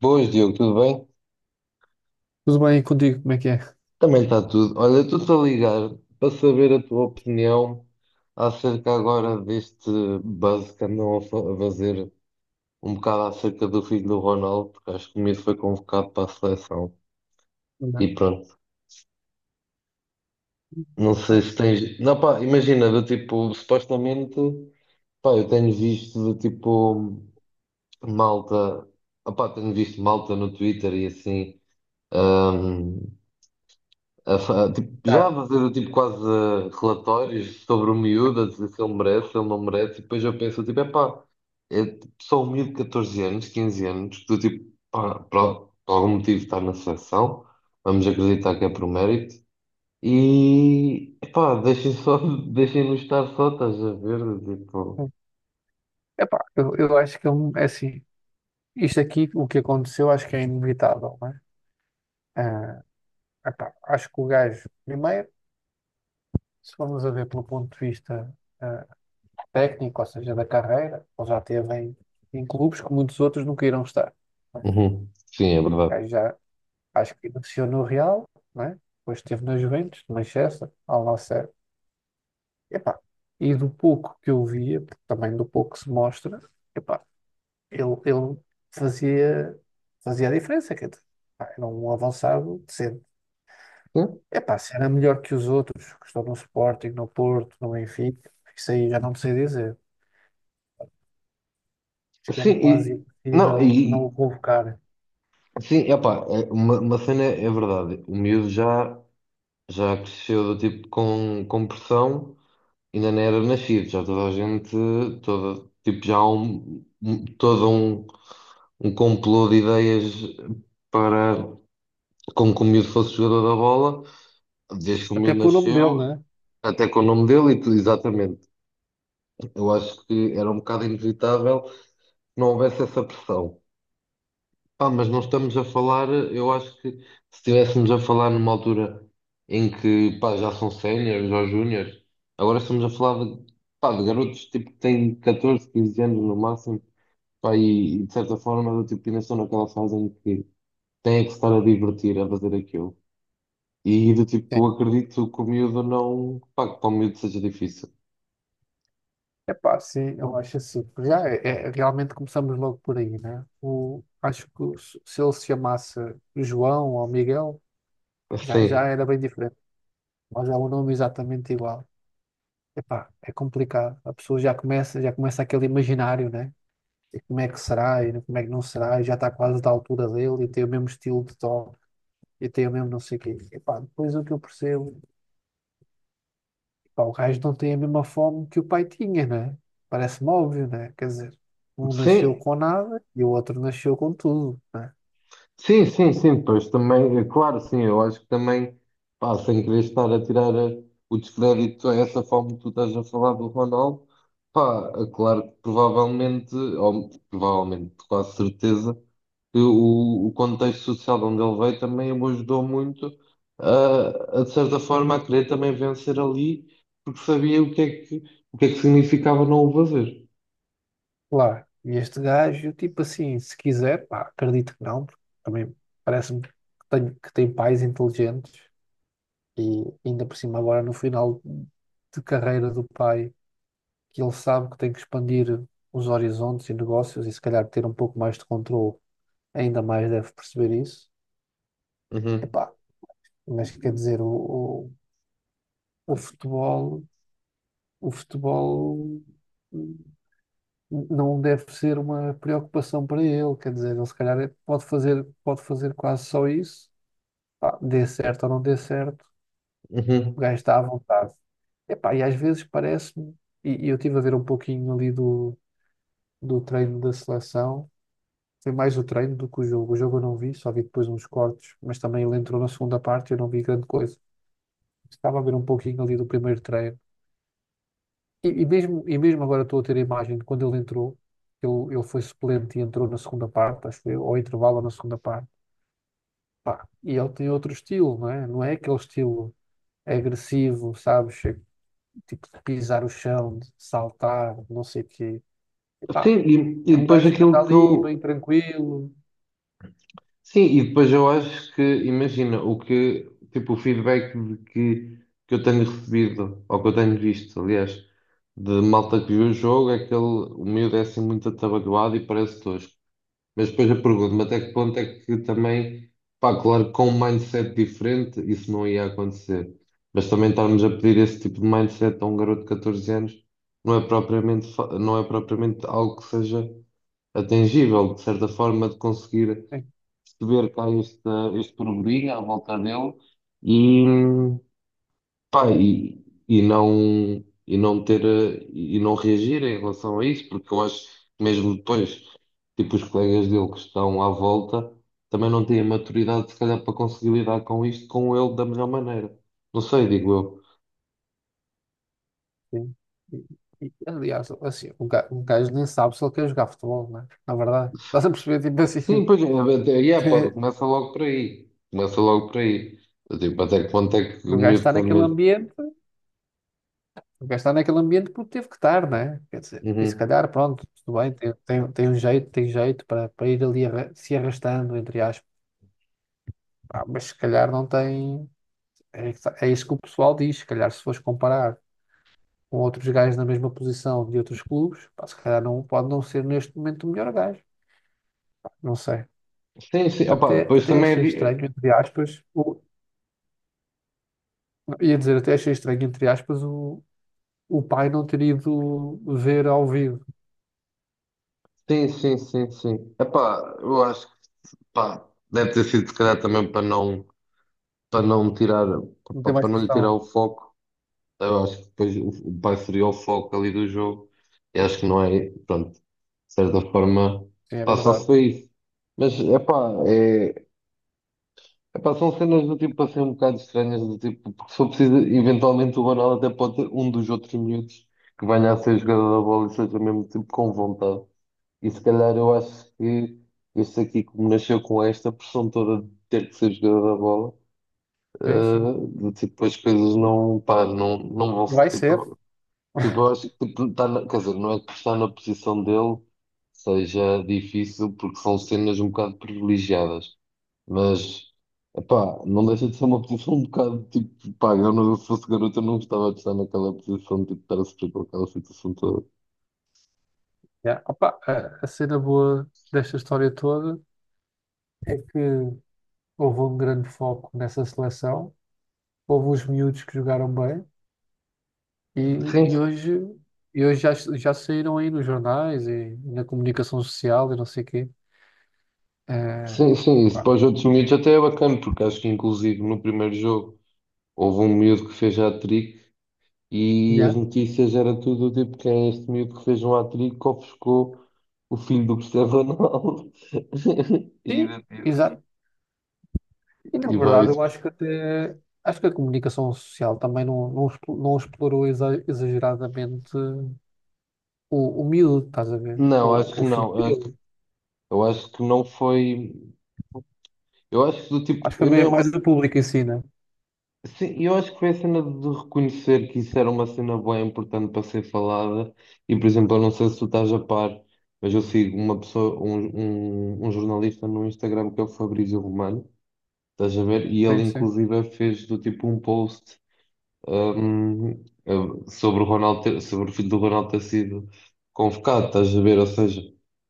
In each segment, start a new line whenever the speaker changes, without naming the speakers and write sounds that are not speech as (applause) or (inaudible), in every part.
Boas, Diogo, tudo bem?
Tudo bem contigo? Como é que é?
Também está tudo. Olha, estou-te a ligar para saber a tua opinião acerca agora deste buzz que andam a fazer um bocado acerca do filho do Ronaldo, porque acho que o miúdo foi convocado para a seleção. E
Olá.
pronto, não sei se tens. Não, pá, imagina, do tipo, supostamente, pá, eu tenho visto do tipo malta, opá, tenho visto malta no Twitter e assim. hum, tipo, já
Cara,
a fazer tipo, quase relatórios sobre o miúdo, a dizer se ele merece, se ele não merece, e depois eu penso, tipo, epá, é tipo, só um miúdo de 14 anos, 15 anos, que tu, tipo, pá, por algum motivo está na seleção, vamos acreditar que é por mérito, e, epá, deixem só, (laughs) deixem-nos estar só, estás a ver, tipo...
epá, eu acho que é assim, isto aqui, o que aconteceu, acho que é inevitável, não é? Ah, Epá, acho que o gajo, primeiro, se formos a ver pelo ponto de vista ah, técnico, ou seja, da carreira, ele já esteve em clubes que muitos outros nunca irão estar. Não é? O
Uhum. Sim, é verdade.
gajo já, acho que iniciou no Real, não é? Depois esteve na Juventus, no Manchester, ao Al Nassr. Epá, e do pouco que eu via, porque também do pouco que se mostra, epá, ele fazia, fazia a diferença. Quer dizer, pá, era um avançado decente. Epá, se era melhor que os outros, que estão no Sporting, no Porto, no Benfica, isso aí já não me sei dizer. Acho que
Sim,
era quase
e, não,
impossível não
e,
o convocar.
sim, epá, é, uma cena é verdade, o miúdo já cresceu do tipo com pressão, ainda não era nascido, já toda a gente, toda, tipo, já há todo um complô de ideias para como que o miúdo fosse jogador da bola, desde que o
Até
miúdo
pelo nome dele,
nasceu,
né?
até com o nome dele e tudo, exatamente. Eu acho que era um bocado inevitável que não houvesse essa pressão. Ah, mas não estamos a falar, eu acho que se estivéssemos a falar numa altura em que, pá, já são séniores ou júniores, agora estamos a falar de, pá, de garotos tipo que têm 14, 15 anos no máximo, pá, e de certa forma do tipo ainda estão naquela fase em que têm que se estar a divertir, a fazer aquilo. E do
Sim.
tipo, acredito que o miúdo não, pá, que para o miúdo seja difícil.
Epá, sim, eu acho assim. Porque já realmente começamos logo por aí, né? Acho que se ele se chamasse João ou Miguel, já
Sim,
era bem diferente. Mas é um nome exatamente igual. Epá, é complicado. A pessoa já começa aquele imaginário, né? E como é que será e como é que não será, e já está quase da altura dele e tem o mesmo estilo de tom e tem o mesmo não sei o quê. Epá, depois o que eu percebo, epá, o gajo não tem a mesma fome que o pai tinha, né? Parece-me óbvio, né? Quer dizer, um nasceu
sim,
com nada e o outro nasceu com tudo, né?
sim, sim, sim, depois também, é claro, sim, eu acho que também, pá, sem querer estar a tirar o descrédito a essa forma que tu estás a falar do Ronaldo, pá, é claro que provavelmente, ou provavelmente, quase certeza, que o contexto social de onde ele veio também o ajudou muito a, de certa forma, a querer também vencer ali, porque sabia o que é que, o que é que significava não o fazer.
Claro. E este gajo, tipo assim, se quiser, pá, acredito que não, porque também parece-me que que tem pais inteligentes. E ainda por cima, agora no final de carreira do pai, que ele sabe que tem que expandir os horizontes e negócios e se calhar ter um pouco mais de controle, ainda mais deve perceber isso.
Uhum,
Epá, mas quer dizer, o, o futebol, o futebol hum, não deve ser uma preocupação para ele, quer dizer, ele se calhar pode fazer quase só isso, pá, dê certo ou não dê certo. O
uhum.
gajo está à vontade. Epá, e às vezes parece-me, e eu estive a ver um pouquinho ali do, do treino da seleção, foi mais o treino do que o jogo. O jogo eu não vi, só vi depois uns cortes, mas também ele entrou na segunda parte e eu não vi grande coisa. Estava a ver um pouquinho ali do primeiro treino. E, e mesmo agora estou a ter a imagem de quando ele entrou, ele foi suplente e entrou na segunda parte, acho que foi, ou intervalo ou na segunda parte. Pá, e ele tem outro estilo, não é? Não é aquele estilo agressivo, sabes? Tipo de pisar o chão, de saltar, não sei o quê.
Sim,
Epá,
e
é um
depois
gajo que anda
aquilo que
ali, bem
eu,
tranquilo.
sim, e depois eu acho que, imagina, o que, tipo, o feedback de que eu tenho recebido, ou que eu tenho visto, aliás, de malta que viu o jogo, é que ele, o miúdo é assim muito atabalhoado e parece tosco. Mas depois eu pergunto-me até que ponto é que também, pá, claro, que com um mindset diferente isso não ia acontecer. Mas também estarmos a pedir esse tipo de mindset a um garoto de 14 anos não é propriamente, não é propriamente algo que seja atingível, de certa forma, de conseguir
É,
perceber que há este burburinho à volta dele e, pá, e não ter, e não reagir em relação a isso, porque eu acho que mesmo depois, tipo, os colegas dele que estão à volta também não têm a maturidade, se calhar, para conseguir lidar com isto com ele da melhor maneira. Não sei, digo eu.
sim. E, e, aliás, assim, um gajo nem sabe se ele quer jogar futebol, não é? Na verdade, (laughs) estás a perceber, tipo
Sim,
assim,
pois, é, pá,
(laughs)
começa logo por aí. Começa logo por aí. Tipo, até que ponto é que o
o gajo
miúdo
está
quer
naquele
mesmo.
ambiente, o gajo está naquele ambiente porque teve que estar, não é? Quer dizer, e se
Uhum.
calhar, pronto, tudo bem, tem um jeito, tem jeito para, para ir ali se arrastando, entre aspas. Pá, mas se calhar não tem. É, é isso que o pessoal diz, se calhar se fores comparar com outros gajos na mesma posição de outros clubes, pá, se calhar não, pode não ser neste momento o melhor gajo. Não sei.
Sim, sim, opa, pois
Até
também é.
achei
di-
estranho, entre aspas, ia dizer, até achei estranho, entre aspas, o pai não ter ido ver ao vivo.
Sim, sim, sim, sim. Epá, eu acho que pá, deve ter sido se calhar também para não tirar,
Não
para,
tem mais
para não lhe tirar o
pressão.
foco. Eu acho que depois o pai seria o foco ali do jogo. E acho que não é, pronto, de certa forma,
Sim, é
pá, só se
verdade.
foi isso. Mas epá, é, epá, são cenas do tipo assim um bocado estranhas, do tipo, porque se for preciso, eventualmente o Banal até pode ter um dos outros miúdos que venha a ser jogador da bola e seja mesmo tipo com vontade. E se calhar eu acho que este aqui, como nasceu com esta pressão toda de ter que ser jogador da bola,
Sim, sim.
tipo, as coisas não, pá, não vão se,
Vai ser.
tipo, tipo, eu acho que tipo, quer dizer, não é que estar na posição dele seja difícil, porque são cenas um bocado privilegiadas, mas, pá, não deixa de ser uma posição um bocado, tipo, pá, eu não, se fosse garoto eu não gostava de estar naquela posição, tipo, de estar a sofrer com aquela situação toda.
Yeah. Opa, a cena boa desta história toda é que houve um grande foco nessa seleção, houve os miúdos que jogaram bem. E, e
Sim,
hoje, e hoje já, já saíram aí nos jornais e na comunicação social e não sei o quê. Eh,
sim, sim, isso
pá,
para os outros miúdos até é bacana, porque acho que inclusive no primeiro jogo houve um miúdo que fez hat-trick e as
já.
notícias era tudo tipo quem é este miúdo que fez um hat-trick que ofuscou o filho do Cristiano Ronaldo. (laughs) E,
Sim, exato. E na
e vai.
verdade eu acho que até, acho que a comunicação social também não explorou exageradamente o miúdo, estás a ver?
Não, acho que
O filho
não.
dele.
Eu acho que não foi. Eu acho que do tipo,
Acho que foi
eu nem.
mesmo mais o público em si, né?
Sim, eu acho que foi a cena de reconhecer que isso era uma cena bem importante para ser falada. E, por exemplo, eu não sei se tu estás a par, mas eu sigo uma pessoa, um jornalista no Instagram que é o Fabrício Romano, estás a ver? E ele,
Sim, sim.
inclusive, fez do tipo um post sobre o filho do Ronaldo ter sido convocado, estás a ver? Ou seja,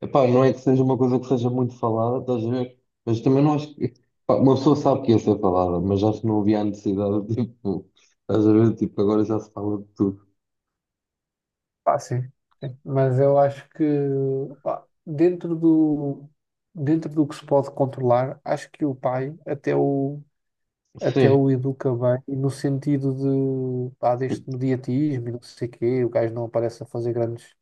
epá, não é que seja uma coisa que seja muito falada, estás a ver? Mas também não acho que, pá, uma pessoa sabe que ia ser falada, mas acho que não havia a necessidade, (laughs) tipo, estás a ver? Tipo, agora já se fala de tudo.
Ah, sim. Mas eu acho que pá, dentro do que se pode controlar, acho que o pai até até o
Sim,
educa bem, e no sentido de, pá, deste mediatismo e não sei quê, o gajo não aparece a fazer grandes.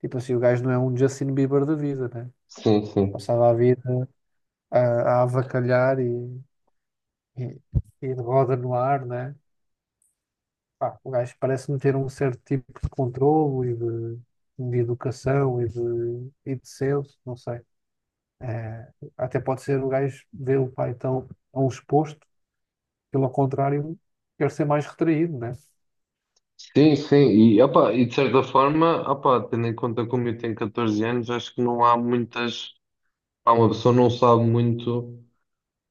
Tipo assim, o gajo não é um Justin Bieber da vida, né?
sim, sim.
Passava a vida a avacalhar e, e de roda no ar, né? Pá, o gajo parece-me ter um certo tipo de controlo e de, e de senso, não sei. Eh, até pode ser o gajo ver o pai tão exposto, pelo contrário, quer ser mais retraído, né?
Sim, sim. E, opá, e de certa forma, opá, tendo em conta como eu tenho 14 anos, acho que não há muitas. Pá, uma pessoa não sabe muito.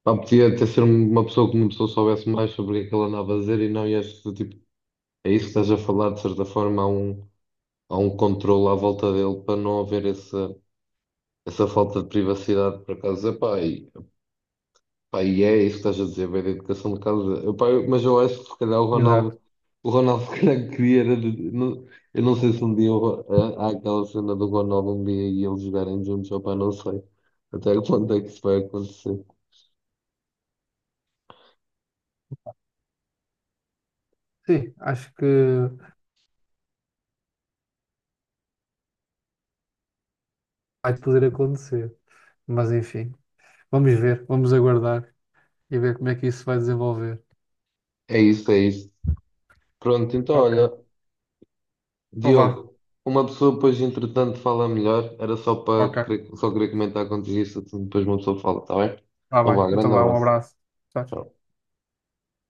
Pá, podia até ser um, uma pessoa que uma pessoa soubesse mais sobre o que é que ele andava a dizer e não ias, tipo, é isso que estás a falar, de certa forma, há um controle à volta dele para não haver essa falta de privacidade, por acaso, epá, e, epá, e é isso que estás a dizer, bem, da educação de casa, epá, mas eu acho que se calhar o
Exato.
Ronaldo, o Ronaldo (laughs) se calhar queria, era de- não- eu não sei se um dia há aquela cena do Ronaldo um dia e eles jogarem juntos, opá, não sei até quando é que isso vai acontecer.
Sim, acho que vai poder acontecer. Mas enfim, vamos ver, vamos aguardar e ver como é que isso vai desenvolver.
É isso, é isso. Pronto, então
Ok.
olha.
Então vá,
Diogo, uma pessoa depois entretanto fala melhor, era só
ok.
só querer comentar contigo isso, depois uma pessoa fala, está bem?
Tá
Então
bem.
vá,
Então
grande
vá, um
abraço.
abraço. Tchau.